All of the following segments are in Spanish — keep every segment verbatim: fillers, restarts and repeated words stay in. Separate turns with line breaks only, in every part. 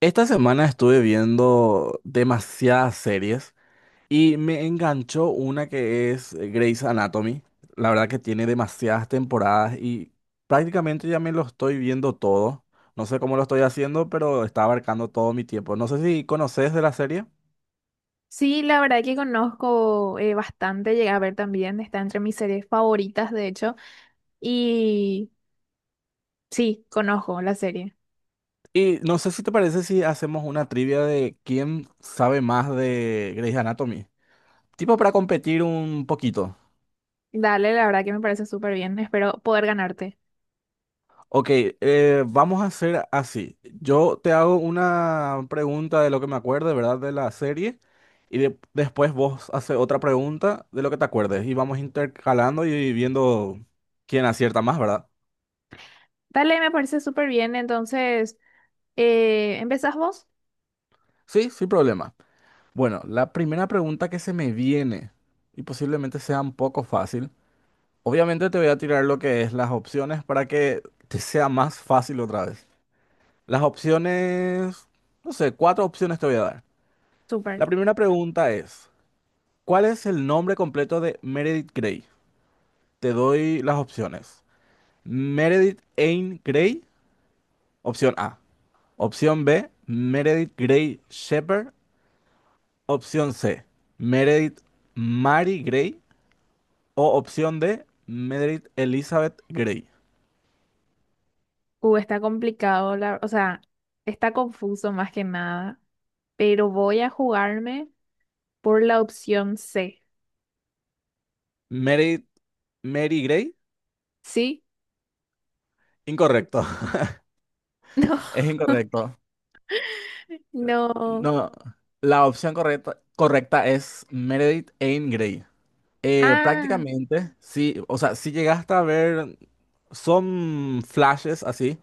Esta semana estuve viendo demasiadas series y me enganchó una que es eh, Grey's Anatomy. La verdad que tiene demasiadas temporadas y prácticamente ya me lo estoy viendo todo. No sé cómo lo estoy haciendo, pero está abarcando todo mi tiempo. No sé si conoces de la serie.
Sí, la verdad que conozco eh, bastante, llegué a ver también, está entre mis series favoritas, de hecho, y sí, conozco la serie.
Y no sé si te parece si hacemos una trivia de quién sabe más de Grey's Anatomy. Tipo para competir un poquito.
Dale, la verdad que me parece súper bien, espero poder ganarte.
Ok, eh, vamos a hacer así. Yo te hago una pregunta de lo que me acuerde, ¿verdad? De la serie. Y de- después vos haces otra pregunta de lo que te acuerdes. Y vamos intercalando y viendo quién acierta más, ¿verdad?
Dale, me parece súper bien, entonces, eh, ¿empezás vos?
Sí, sin problema. Bueno, la primera pregunta que se me viene, y posiblemente sea un poco fácil. Obviamente te voy a tirar lo que es las opciones para que te sea más fácil otra vez. Las opciones, no sé, cuatro opciones te voy a dar.
Súper.
La primera pregunta es... ¿Cuál es el nombre completo de Meredith Grey? Te doy las opciones. Meredith Anne Grey, opción A. Opción B, Meredith Grey Shepherd. Opción C, Meredith Mary Grey. O opción D, Meredith Elizabeth Grey.
Uh, está complicado, la- o sea, está confuso más que nada, pero voy a jugarme por la opción C,
Meredith Mary Grey.
¿sí?
Incorrecto, es incorrecto.
No, no.
No, la opción correcta, correcta es Meredith Anne Grey. Eh,
Ah.
prácticamente, sí, o sea, si llegaste a ver. Son flashes así,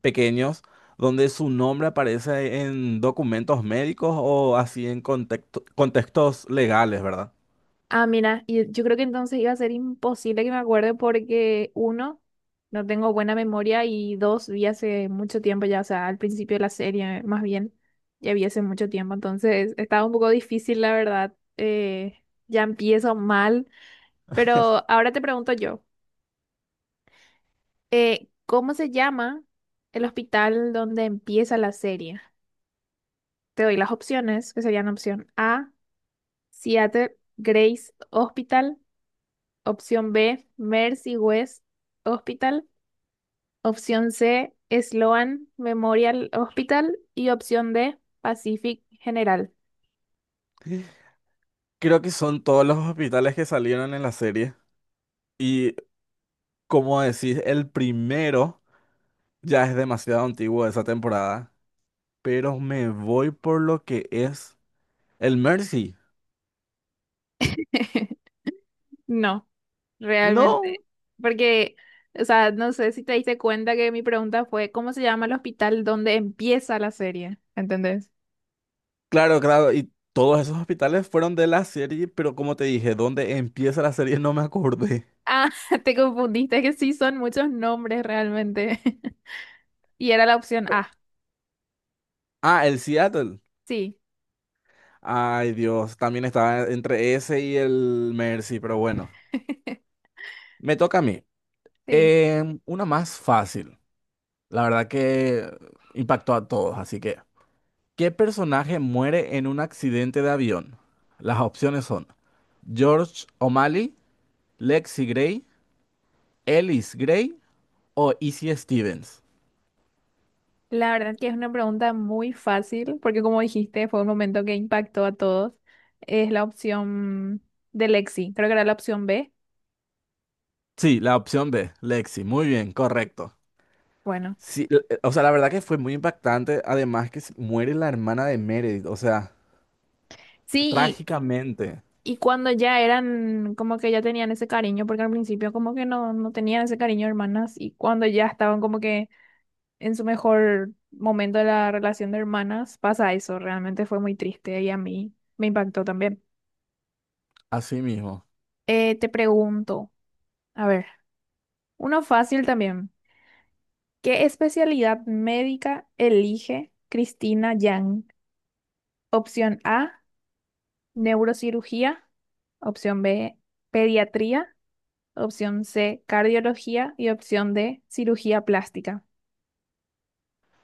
pequeños, donde su nombre aparece en documentos médicos o así en contexto- contextos legales, ¿verdad?
Ah, mira, y yo creo que entonces iba a ser imposible que me acuerde porque uno, no tengo buena memoria y dos, vi hace mucho tiempo ya, o sea, al principio de la serie más bien, ya vi hace mucho tiempo, entonces estaba un poco difícil la verdad, eh, ya empiezo mal, pero ahora te pregunto yo, eh, ¿cómo se llama el hospital donde empieza la serie? Te doy las opciones, que serían opción A, Seattle Grace Hospital. Opción B, Mercy West Hospital. Opción C, Sloan Memorial Hospital. Y opción D, Pacific General.
Creo que son todos los hospitales que salieron en la serie. Y como decís, el primero ya es demasiado antiguo de esa temporada. Pero me voy por lo que es el Mercy.
No,
No,
realmente. Porque, o sea, no sé si te diste cuenta que mi pregunta fue, ¿cómo se llama el hospital donde empieza la serie? ¿Entendés?
claro, claro. Y todos esos hospitales fueron de la serie. Pero como te dije, donde empieza la serie no me acordé.
Ah, te confundiste, que sí son muchos nombres realmente. Y era la opción A.
Ah, el Seattle.
Sí,
Ay, Dios, también estaba entre ese y el Mercy, pero bueno, me toca a mí.
sí.
Em, una más fácil. La verdad que impactó a todos, así que, ¿qué personaje muere en un accidente de avión? Las opciones son George O'Malley, Lexi Gray, Ellis Gray o Izzy Stevens.
La verdad que es una pregunta muy fácil, porque como dijiste, fue un momento que impactó a todos. Es la opción de Lexi, creo que era la opción B.
Sí, la opción B, Lexi. Muy bien, correcto.
Bueno,
Sí, l- eh, o sea, la verdad que fue muy impactante. Además que se- muere la hermana de Meredith, o sea,
sí,
trágicamente.
y, y cuando ya eran, como que ya tenían ese cariño, porque al principio como que no, no tenían ese cariño hermanas, y cuando ya estaban como que en su mejor momento de la relación de hermanas, pasa eso, realmente fue muy triste y a mí me impactó también.
Así mismo.
Eh, te pregunto, a ver, uno fácil también. ¿Qué especialidad médica elige Cristina Yang? Opción A, neurocirugía. Opción B, pediatría. Opción C, cardiología. Y opción D, cirugía plástica.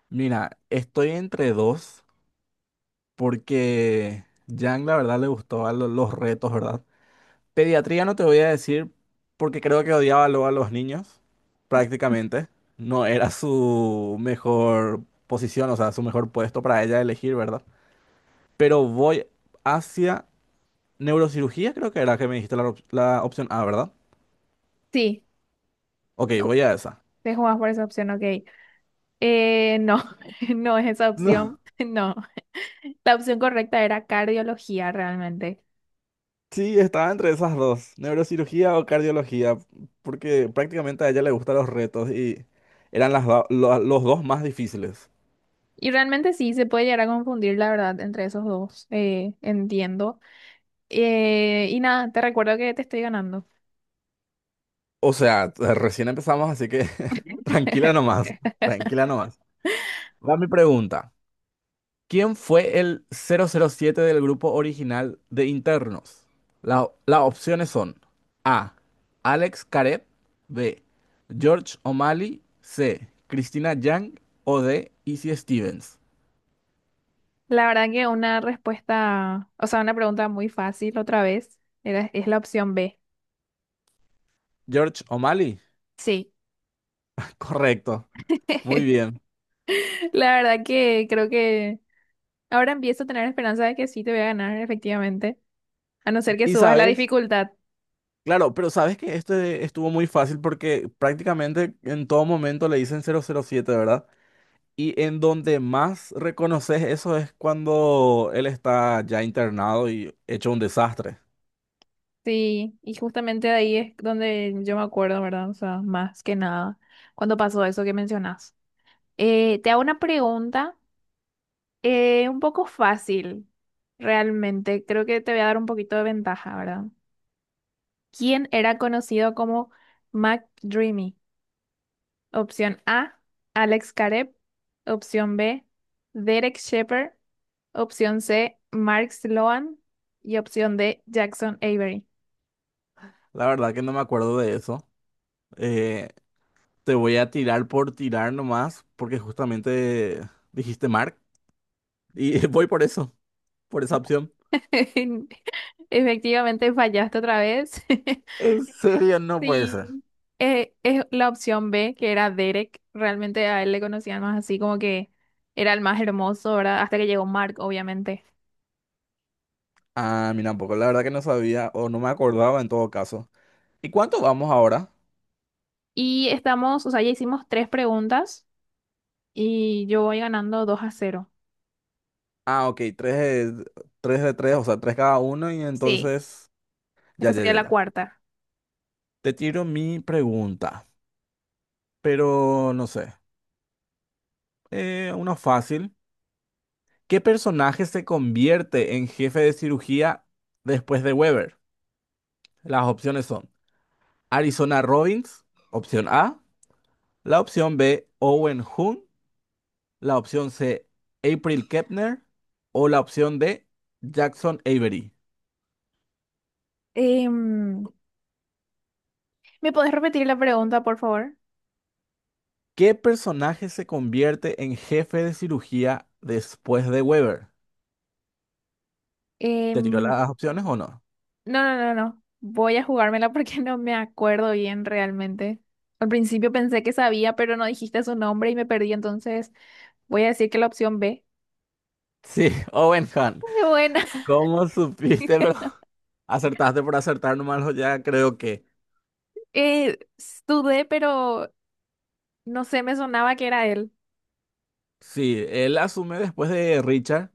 Mira, estoy entre dos porque Yang la verdad le gustaba lo- los retos, ¿verdad? Pediatría no te voy a decir porque creo que odiaba luego a los niños, prácticamente. No era su mejor posición, o sea, su mejor puesto para ella elegir, ¿verdad? Pero voy hacia neurocirugía, creo que era que me dijiste la op- la opción A, ¿verdad?
Sí,
Ok,
ju-
voy a esa.
te jugás por esa opción, ok. Eh, no, no es esa
No,
opción. No, la opción correcta era cardiología realmente.
sí, estaba entre esas dos, neurocirugía o cardiología, porque prácticamente a ella le gustan los retos y eran las do- lo- los dos más difíciles.
Y realmente sí, se puede llegar a confundir, la verdad, entre esos dos. Eh, entiendo. Eh, y nada, te recuerdo que te estoy ganando.
O sea, recién empezamos, así que tranquila nomás, tranquila nomás. Va mi pregunta. ¿Quién fue el cero cero siete del grupo original de internos? La- las opciones son A. Alex Karev, B. George O'Malley, C. Christina Yang o D. Izzy Stevens.
La verdad que una respuesta, o sea, una pregunta muy fácil otra vez, era, es la opción B.
George O'Malley.
Sí.
Correcto. Muy bien.
La verdad que creo que ahora empiezo a tener esperanza de que sí te voy a ganar, efectivamente, a no ser que
Y
subas la
sabes,
dificultad.
claro, pero sabes que este estuvo muy fácil porque prácticamente en todo momento le dicen cero cero siete, ¿verdad? Y en donde más reconoces eso es cuando él está ya internado y hecho un desastre.
Sí, y justamente ahí es donde yo me acuerdo, ¿verdad? O sea, más que nada, cuando pasó eso que mencionas. Eh, te hago una pregunta eh, un poco fácil, realmente. Creo que te voy a dar un poquito de ventaja, ¿verdad? ¿Quién era conocido como Mac Dreamy? Opción A, Alex Caret. Opción B, Derek Shepherd. Opción C, Mark Sloan. Y opción D, Jackson Avery.
La verdad que no me acuerdo de eso. Eh, te voy a tirar por tirar nomás, porque justamente dijiste Mark. Y voy por eso, por esa opción.
Efectivamente, fallaste otra vez.
En serio, no puede ser.
Sí. Eh, es la opción B, que era Derek. Realmente a él le conocían más así como que era el más hermoso, ¿verdad? Hasta que llegó Mark, obviamente.
Ah, mira, tampoco. La verdad que no sabía o no me acordaba en todo caso. ¿Y cuánto vamos ahora?
Y estamos, o sea, ya hicimos tres preguntas. Y yo voy ganando dos a cero.
Ah, ok, tres de tres, de tres, o sea, tres cada uno. Y
Sí.
entonces, ya,
Esta
ya,
sería
ya,
la
ya.
cuarta.
Te tiro mi pregunta. Pero no sé. Eh, uno fácil. ¿Qué personaje se convierte en jefe de cirugía después de Weber? Las opciones son Arizona Robbins, opción A, la opción B, Owen Hun, la opción C, April Kepner o la opción D, Jackson Avery.
Em, ¿Me podés repetir la pregunta, por favor?
¿Qué personaje se convierte en jefe de cirugía después de Weber? ¿Te tiró
Em,
las opciones o no?
no, no, no, no. Voy a jugármela porque no me acuerdo bien realmente. Al principio pensé que sabía, pero no dijiste su nombre y me perdí, entonces voy a decir que la opción B.
Sí, Owen Hun.
Bueno,
¿Cómo supiste, bro? Acertaste por acertar nomás, ya creo que
eh, dudé, pero no sé, me sonaba que era él.
sí, él asume después de Richard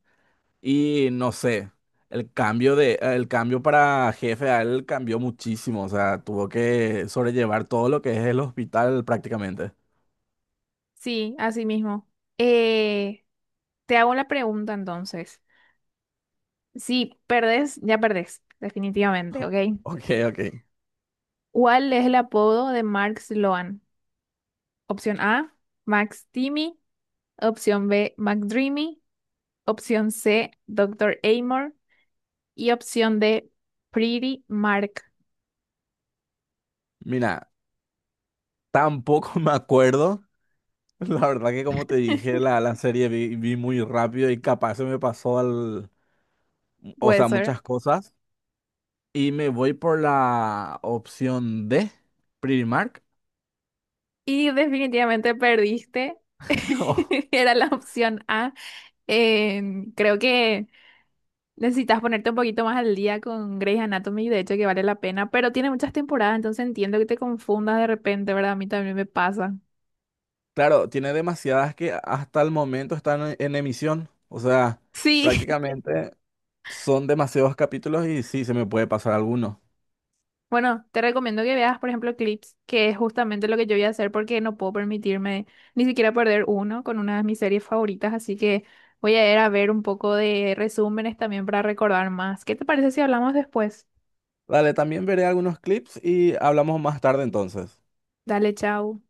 y no sé, el cambio de el cambio para jefe a él cambió muchísimo, o sea, tuvo que sobrellevar todo lo que es el hospital prácticamente.
Sí, así mismo. Eh, Te hago la pregunta entonces. Si perdés, ya perdés, definitivamente, ¿ok?
Ok, ok.
¿Cuál es el apodo de Mark Sloan? Opción A, Max Timmy. Opción B, McDreamy. Opción C, Doctor Amor. Y opción D, Pretty Mark.
Mira, tampoco me acuerdo, la verdad que como te dije, la, la serie vi, vi muy rápido y capaz se me pasó al, o
Puede
sea,
ser.
muchas cosas y me voy por la opción D, Primark.
Y definitivamente perdiste. Era la opción A. Eh, Creo que necesitas ponerte un poquito más al día con Grey's Anatomy, de hecho que vale la pena, pero tiene muchas temporadas, entonces entiendo que te confundas de repente, ¿verdad? A mí también me pasa.
Claro, tiene demasiadas que hasta el momento están en, en emisión. O sea,
Sí,
prácticamente son demasiados capítulos y sí, se me puede pasar alguno.
bueno, te recomiendo que veas, por ejemplo, clips, que es justamente lo que yo voy a hacer porque no puedo permitirme ni siquiera perder uno con una de mis series favoritas, así que voy a ir a ver un poco de resúmenes también para recordar más. ¿Qué te parece si hablamos después?
Dale, también veré algunos clips y hablamos más tarde entonces.
Dale, chao.